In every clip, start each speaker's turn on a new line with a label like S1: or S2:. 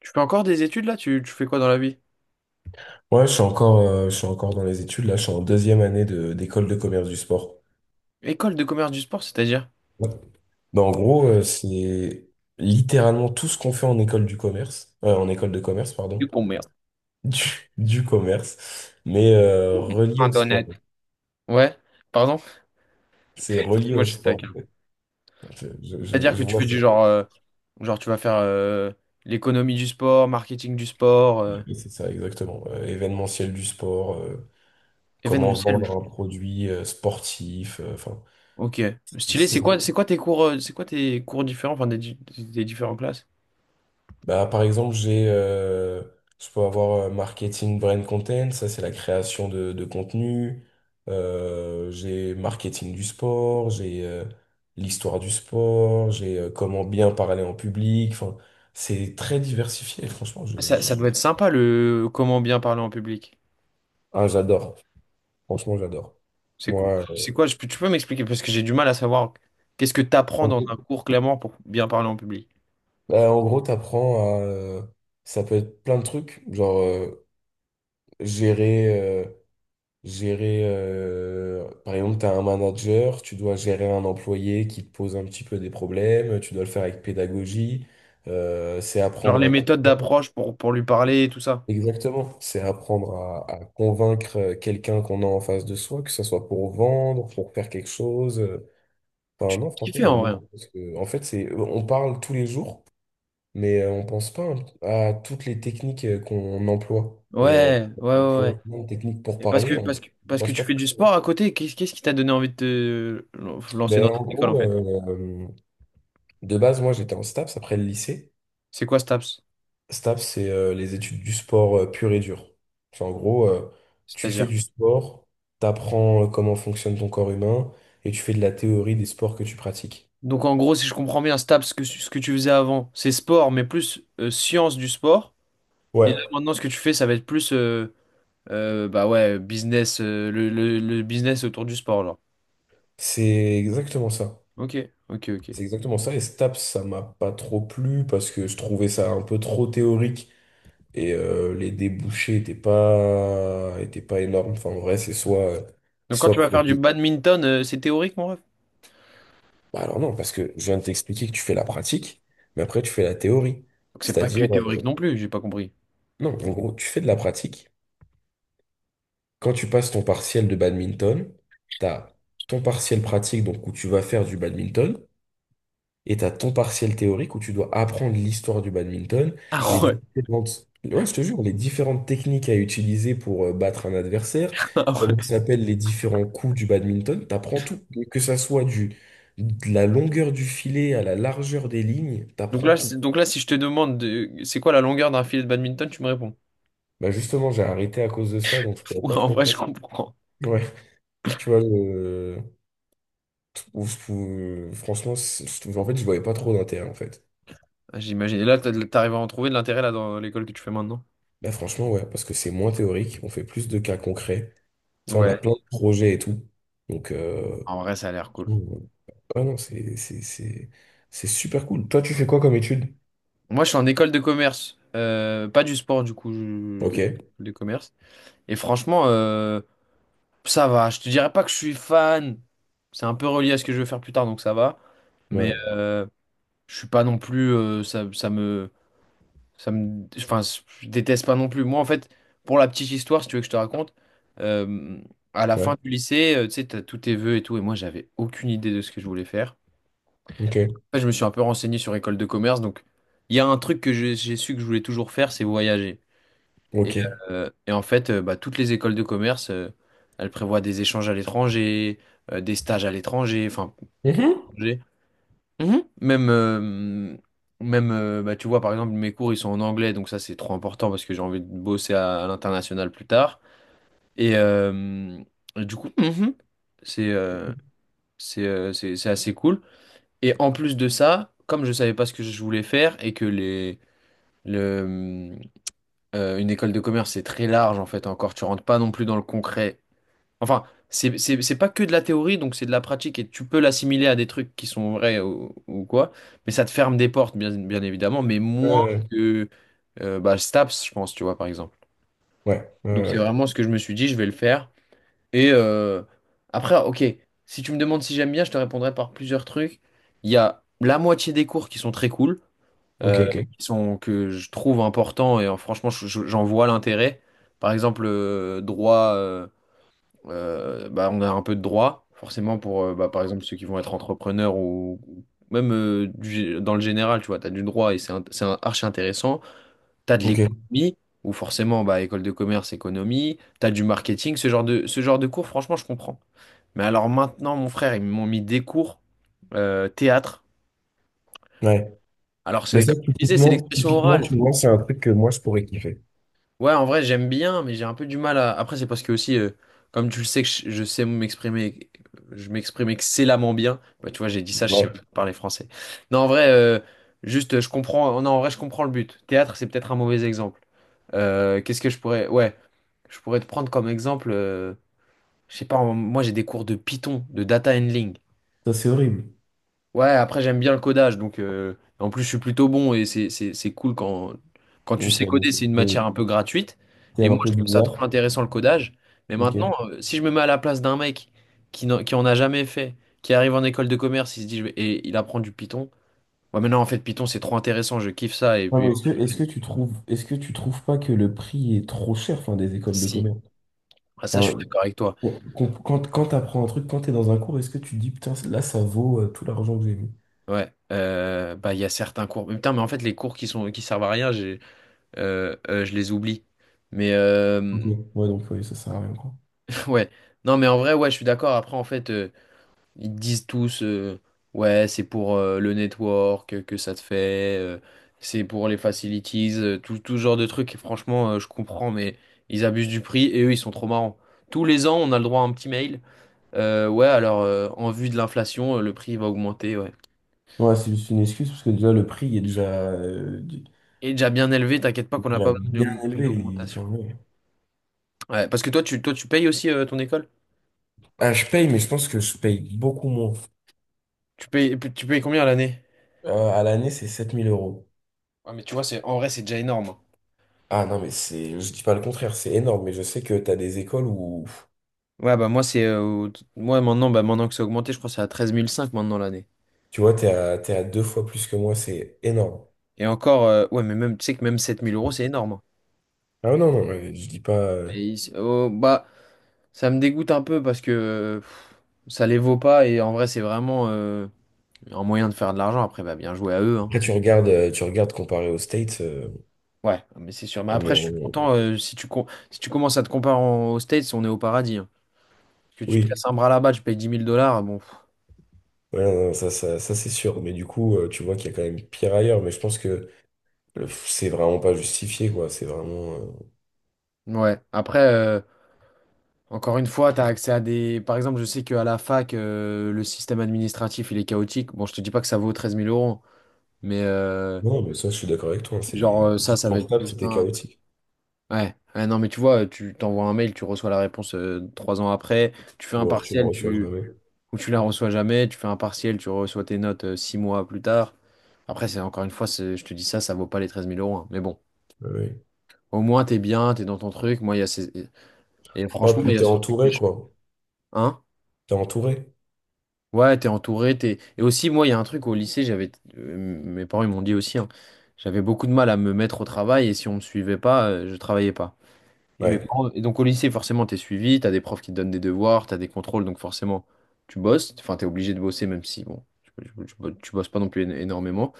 S1: Tu fais encore des études là? Tu fais quoi dans la vie?
S2: Ouais, je suis encore dans les études. Là, je suis en 2e année d'école de commerce du sport.
S1: École de commerce du sport, c'est-à-dire?
S2: Ouais. Ben, en gros, c'est littéralement tout ce qu'on fait en école du commerce, en école de commerce, pardon,
S1: Du commerce.
S2: du commerce, mais relié
S1: Un
S2: au sport.
S1: honnête. Ouais, pardon?
S2: C'est relié
S1: Moi,
S2: au
S1: je suis
S2: sport.
S1: taquin.
S2: Je, je- je-
S1: C'est-à-dire que
S2: je
S1: tu
S2: vois
S1: fais du
S2: ça.
S1: genre, genre tu vas faire l'économie du sport, marketing du sport,
S2: Oui, c'est ça, exactement. Événementiel du sport, comment
S1: événementiel.
S2: vendre un produit sportif, enfin,
S1: Ok, stylé. C'est
S2: c'est
S1: quoi, c'est quoi tes cours, c'est quoi tes cours différents, enfin des différentes classes?
S2: Bah, par exemple, je peux avoir marketing brand content, ça c'est la création de contenu. J'ai marketing du sport, j'ai l'histoire du sport, j'ai comment bien parler en public. Enfin, c'est très diversifié. Franchement,
S1: Ça doit être sympa le comment bien parler en public.
S2: ah, j'adore. Franchement, j'adore.
S1: C'est quoi,
S2: Moi,
S1: c'est quoi? je peux- tu peux m'expliquer parce que j'ai du mal à savoir qu'est-ce que tu apprends
S2: en
S1: dans un
S2: gros,
S1: cours clairement pour bien parler en public.
S2: bah, en gros, t'apprends à, ça peut être plein de trucs, genre gérer. Gérer, par exemple, tu as un manager, tu dois gérer un employé qui te pose un petit peu des problèmes, tu dois le faire avec pédagogie, c'est
S1: Genre
S2: apprendre
S1: les
S2: à
S1: méthodes
S2: convaincre.
S1: d'approche pour lui parler et tout ça.
S2: Exactement, c'est apprendre à convaincre quelqu'un qu'on a en face de soi, que ce soit pour vendre, pour faire quelque chose. Enfin,
S1: Tu
S2: non, franchement,
S1: kiffes en
S2: j'aime
S1: vrai.
S2: beaucoup parce que, en fait, on parle tous les jours, mais on pense pas à toutes les techniques qu'on emploie.
S1: Ouais, ouais,
S2: On
S1: ouais.
S2: emploie
S1: Ouais.
S2: plein de techniques pour
S1: Et parce que,
S2: parler, on
S1: parce que, parce que
S2: pense
S1: tu
S2: pas
S1: fais du
S2: forcément.
S1: sport à côté, qu'est-ce qui t'a donné envie de te lancer dans
S2: Ben, en
S1: cette école en
S2: gros,
S1: fait?
S2: de base, moi j'étais en STAPS après le lycée.
S1: C'est quoi STAPS?
S2: STAPS, c'est les études du sport pur et dur. Enfin, en gros, tu fais
S1: C'est-à-dire?
S2: du sport, t'apprends comment fonctionne ton corps humain et tu fais de la théorie des sports que tu pratiques.
S1: Donc en gros, si je comprends bien, STAPS, ce que tu faisais avant, c'est sport, mais plus science du sport. Et
S2: Ouais,
S1: là maintenant, ce que tu fais, ça va être plus bah ouais, business, le business autour du sport, genre.
S2: c'est exactement ça.
S1: Ok, ok, ok.
S2: C'est exactement ça. Et STAPS, ça m'a pas trop plu parce que je trouvais ça un peu trop théorique et les débouchés étaient pas énormes. Enfin, en vrai,
S1: Donc quand
S2: soit
S1: tu vas
S2: pro.
S1: faire du badminton, c'est théorique, mon ref?
S2: Bah alors non, parce que je viens de t'expliquer que tu fais la pratique, mais après tu fais la théorie.
S1: Donc c'est pas que
S2: C'est-à-dire,
S1: théorique non plus, j'ai pas compris.
S2: non, en gros, tu fais de la pratique. Quand tu passes ton partiel de badminton, t'as ton partiel pratique, donc où tu vas faire du badminton, et t'as ton partiel théorique où tu dois apprendre l'histoire du badminton,
S1: Ah ouais.
S2: ouais, je te jure, les différentes techniques à utiliser pour battre un adversaire,
S1: Ah
S2: comment
S1: ouais.
S2: s'appellent les différents coups du badminton, t'apprends tout, que ça soit du de la longueur du filet à la largeur des lignes,
S1: Donc
S2: t'apprends
S1: là,
S2: tout.
S1: donc là, si je te demande c'est quoi la longueur d'un filet de badminton, tu me réponds.
S2: Bah justement, j'ai arrêté à cause de ça, donc je pourrais
S1: Ouais,
S2: pas
S1: en
S2: trop.
S1: vrai, je comprends.
S2: Ouais, tu vois, le... franchement, en fait, je voyais pas trop d'intérêt, en fait.
S1: Ah, j'imagine. Et là, t'arrives à en trouver de l'intérêt là dans l'école que tu fais maintenant.
S2: Là, franchement, ouais, parce que c'est moins théorique, on fait plus de cas concrets. Ça, on a
S1: Ouais.
S2: plein de projets et tout. Donc,
S1: En vrai, ça a l'air cool.
S2: Mm. ah non, c'est super cool. Toi, tu fais quoi comme étude?
S1: Moi, je suis en école de commerce. Pas du sport, du coup,
S2: Ok,
S1: de commerce. Et franchement, ça va. Je te dirais pas que je suis fan. C'est un peu relié à ce que je veux faire plus tard, donc ça va. Mais
S2: ouais,
S1: je suis pas non plus. Ça me. Ça me. Enfin, je déteste pas non plus. Moi, en fait, pour la petite histoire, si tu veux que je te raconte, euh, à la
S2: ouais,
S1: fin du lycée, tu sais, t'as tous tes vœux et tout, et moi, j'avais aucune idée de ce que je voulais faire.
S2: ok,
S1: Après, je me suis un peu renseigné sur école de commerce, donc il y a un truc que j'ai su que je voulais toujours faire, c'est voyager. Et,
S2: ok.
S1: et en fait, bah, toutes les écoles de commerce, elles prévoient des échanges à l'étranger, des stages à l'étranger, enfin, que
S2: Mhm.
S1: l'étranger. Mhm. Même, bah, tu vois, par exemple, mes cours, ils sont en anglais, donc ça, c'est trop important parce que j'ai envie de bosser à l'international plus tard. Et, du coup, c'est euh, c'est assez cool. Et en plus de ça, comme je savais pas ce que je voulais faire et que le, une école de commerce, c'est très large, en fait, encore, tu rentres pas non plus dans le concret. Enfin, c'est pas que de la théorie, donc c'est de la pratique et tu peux l'assimiler à des trucs qui sont vrais ou quoi, mais ça te ferme des portes, bien, bien évidemment, mais
S2: Ouais,
S1: moins
S2: ouais,
S1: que bah, STAPS, je pense, tu vois, par exemple.
S2: ouais, ouais,
S1: Donc
S2: ouais,
S1: c'est
S2: ouais.
S1: vraiment ce que je me suis dit, je vais le faire. Et après, ok, si tu me demandes si j'aime bien, je te répondrai par plusieurs trucs. Il y a la moitié des cours qui sont très cool,
S2: Ok,
S1: euh,
S2: ok,
S1: que je trouve importants et franchement, j'en vois l'intérêt. Par exemple, droit. Bah, on a un peu de droit, forcément pour, bah, par exemple, ceux qui vont être entrepreneurs ou même dans le général, tu vois, tu as du droit et archi intéressant. Tu as de
S2: ok,
S1: l'économie, ou forcément, bah, école de commerce, économie, tu as du marketing, ce genre de cours, franchement, je comprends. Mais alors maintenant, mon frère, ils m'ont mis des cours théâtre.
S2: ouais.
S1: Alors,
S2: Mais
S1: c'est
S2: ça,
S1: comme je disais, c'est l'expression
S2: typiquement,
S1: orale.
S2: tu vois, c'est un truc que moi, je pourrais kiffer.
S1: Ouais, en vrai, j'aime bien, mais j'ai un peu du mal à. Après, c'est parce que aussi, comme tu le sais, que je sais m'exprimer, je m'exprime excellemment bien. Bah, tu vois, j'ai dit ça, je sais
S2: Ouais.
S1: même pas parler français. Non, en vrai, juste, je comprends. Oh, non, en vrai, je comprends le but. Théâtre, c'est peut-être un mauvais exemple. Qu'est-ce que je pourrais. Ouais, je pourrais te prendre comme exemple. Je sais pas, moi, j'ai des cours de Python, de data handling.
S2: Ça, c'est horrible.
S1: Ouais, après j'aime bien le codage, donc en plus je suis plutôt bon et c'est cool quand, tu
S2: Ok,
S1: sais coder,
S2: donc
S1: c'est une matière un peu gratuite.
S2: t'es
S1: Et
S2: un
S1: moi
S2: peu
S1: je trouve ça
S2: bizarre.
S1: trop intéressant le codage. Mais
S2: Ok.
S1: maintenant, si je me mets à la place d'un mec qui en a jamais fait, qui arrive en école de commerce, il se dit et il apprend du Python. Ouais, mais non, en fait Python c'est trop intéressant, je kiffe ça. Et
S2: Non,
S1: puis
S2: mais est-ce que tu trouves pas que le prix est trop cher, enfin, des écoles de
S1: si,
S2: commerce?
S1: ah, ça je suis
S2: Enfin,
S1: d'accord avec toi.
S2: quand t'apprends un truc, quand t'es dans un cours, est-ce que tu te dis, putain, là, ça vaut tout l'argent que j'ai mis?
S1: Ouais, bah il y a certains cours. Mais putain, mais en fait les cours qui servent à rien, j'ai je les oublie. Mais
S2: Ok.
S1: euh,
S2: Ouais, donc, oui, ça sert à rien, quoi.
S1: Ouais, non mais en vrai, ouais, je suis d'accord. Après, en fait, ils disent tous, ouais, c'est pour le network que ça te fait, c'est pour les facilities, tout ce genre de trucs. Et franchement, je comprends, mais ils abusent du prix et eux, ils sont trop marrants. Tous les ans, on a le droit à un petit mail. Ouais, alors, en vue de l'inflation, le prix va augmenter, ouais.
S2: Ouais, c'est juste une excuse, parce que déjà, le prix est déjà, du-
S1: Et déjà bien élevé, t'inquiète pas qu'on n'a
S2: déjà
S1: pas besoin
S2: bien
S1: d'une
S2: élevé. Enfin,
S1: augmentation.
S2: ouais.
S1: Ouais, parce que toi, tu payes aussi ton école?
S2: Ah, je paye, mais je pense que je paye beaucoup moins.
S1: Tu payes combien à l'année?
S2: À l'année, c'est 7000 euros.
S1: Ouais, mais tu vois, c'est, en vrai, c'est déjà énorme.
S2: Ah non, mais c'est, je dis pas le contraire, c'est énorme, mais je sais que t'as des écoles où,
S1: Ouais, bah moi, maintenant, bah, maintenant que c'est augmenté, je crois que c'est à 13 500 maintenant l'année.
S2: tu vois, t'es à 2 fois plus que moi, c'est énorme.
S1: Et encore, ouais, mais même, tu sais que même sept mille euros, c'est énorme, hein.
S2: Ah non, non, mais je dis pas.
S1: Oh, bah, ça me dégoûte un peu parce que pff, ça les vaut pas et en vrai, c'est vraiment un moyen de faire de l'argent. Après, bah, bien joué à eux, hein.
S2: Après, tu regardes comparé aux States,
S1: Ouais, mais c'est sûr. Mais
S2: on
S1: après,
S2: est-
S1: je suis
S2: on-
S1: content. Si tu commences à te comparer aux States, on est au paradis, hein. Que tu te
S2: oui,
S1: casses un bras là-bas, tu payes dix mille dollars. Bon, pff,
S2: ouais, non, non, ça, c'est sûr, mais du coup, tu vois qu'il y a quand même pire ailleurs, mais je pense que c'est vraiment pas justifié, quoi, c'est vraiment.
S1: ouais. Après. Encore une fois, tu as accès à des. Par exemple, je sais qu'à la fac, le système administratif, il est chaotique. Bon, je te dis pas que ça vaut treize mille euros, mais
S2: Non, mais ça, je suis d'accord avec toi, hein,
S1: genre
S2: c'est. Quand tu
S1: ça,
S2: te
S1: ça va
S2: lances
S1: être
S2: pas,
S1: plus
S2: c'était
S1: simple.
S2: chaotique,
S1: Ouais. Ouais, non, mais tu vois, tu t'envoies un mail, tu reçois la réponse 3 ans après. Tu fais un
S2: ou alors tu la
S1: partiel,
S2: reçois
S1: tu.
S2: jamais.
S1: Ou tu la reçois jamais. Tu fais un partiel, tu reçois tes notes 6 mois plus tard. Après, c'est encore une fois, je te dis ça, ça vaut pas les treize mille euros, hein. Mais bon,
S2: Ouais, ouais.
S1: au moins, t'es bien, t'es dans ton truc. Moi, il y a ces. Et
S2: Oh,
S1: franchement,
S2: puis
S1: il y
S2: t'es
S1: a ce truc des.
S2: entouré, quoi,
S1: Hein?
S2: t'es entouré,
S1: Ouais, t'es entouré, t'es. Et aussi, moi, il y a un truc au lycée, j'avais. Mes parents, ils m'ont dit aussi, hein, j'avais beaucoup de mal à me mettre au travail et si on me suivait pas, je travaillais pas. Et mes
S2: ouais.
S1: parents. Et donc au lycée, forcément, t'es suivi, t'as des profs qui te donnent des devoirs, t'as des contrôles, donc forcément, tu bosses. Enfin, t'es obligé de bosser, même si, bon, tu bosses pas non plus énormément.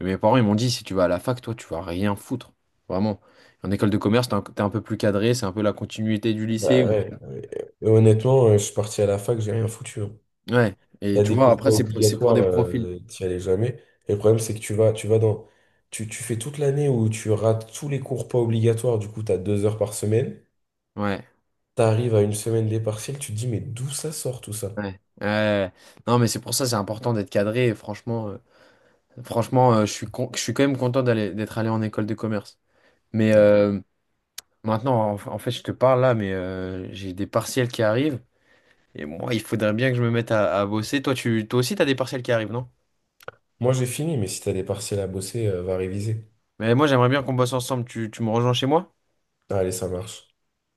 S1: Mais mes parents, ils m'ont dit, si tu vas à la fac, toi, tu vas rien foutre. Vraiment. En école de commerce, t'es un peu plus cadré, c'est un peu la continuité du
S2: Bah
S1: lycée.
S2: ouais, ouais. Et honnêtement, je suis parti à la fac, j'ai rien foutu. Hein.
S1: Ouais. Et
S2: T'as
S1: tu
S2: des
S1: vois,
S2: cours pas
S1: après, c'est pour
S2: obligatoires,
S1: des profils.
S2: t'y allais jamais. Et le problème, c'est que tu vas dans. Tu fais toute l'année où tu rates tous les cours pas obligatoires, du coup, t'as 2 heures par semaine.
S1: Ouais.
S2: T'arrives à une semaine des partiels, tu te dis, mais d'où ça sort tout ça?
S1: Ouais. Ouais. Ouais. Non, mais c'est pour ça, c'est important d'être cadré. Et franchement, je suis quand même content d'être allé en école de commerce. Mais
S2: Ouais.
S1: euh, maintenant, en fait, je te parle là, mais j'ai des partiels qui arrivent. Et moi, il faudrait bien que je me mette à bosser. Toi aussi, t'as des partiels qui arrivent, non?
S2: Moi, j'ai fini, mais si t'as des partiels à bosser, va réviser.
S1: Mais moi, j'aimerais bien qu'on bosse ensemble. Tu me rejoins chez moi?
S2: Allez, ça marche.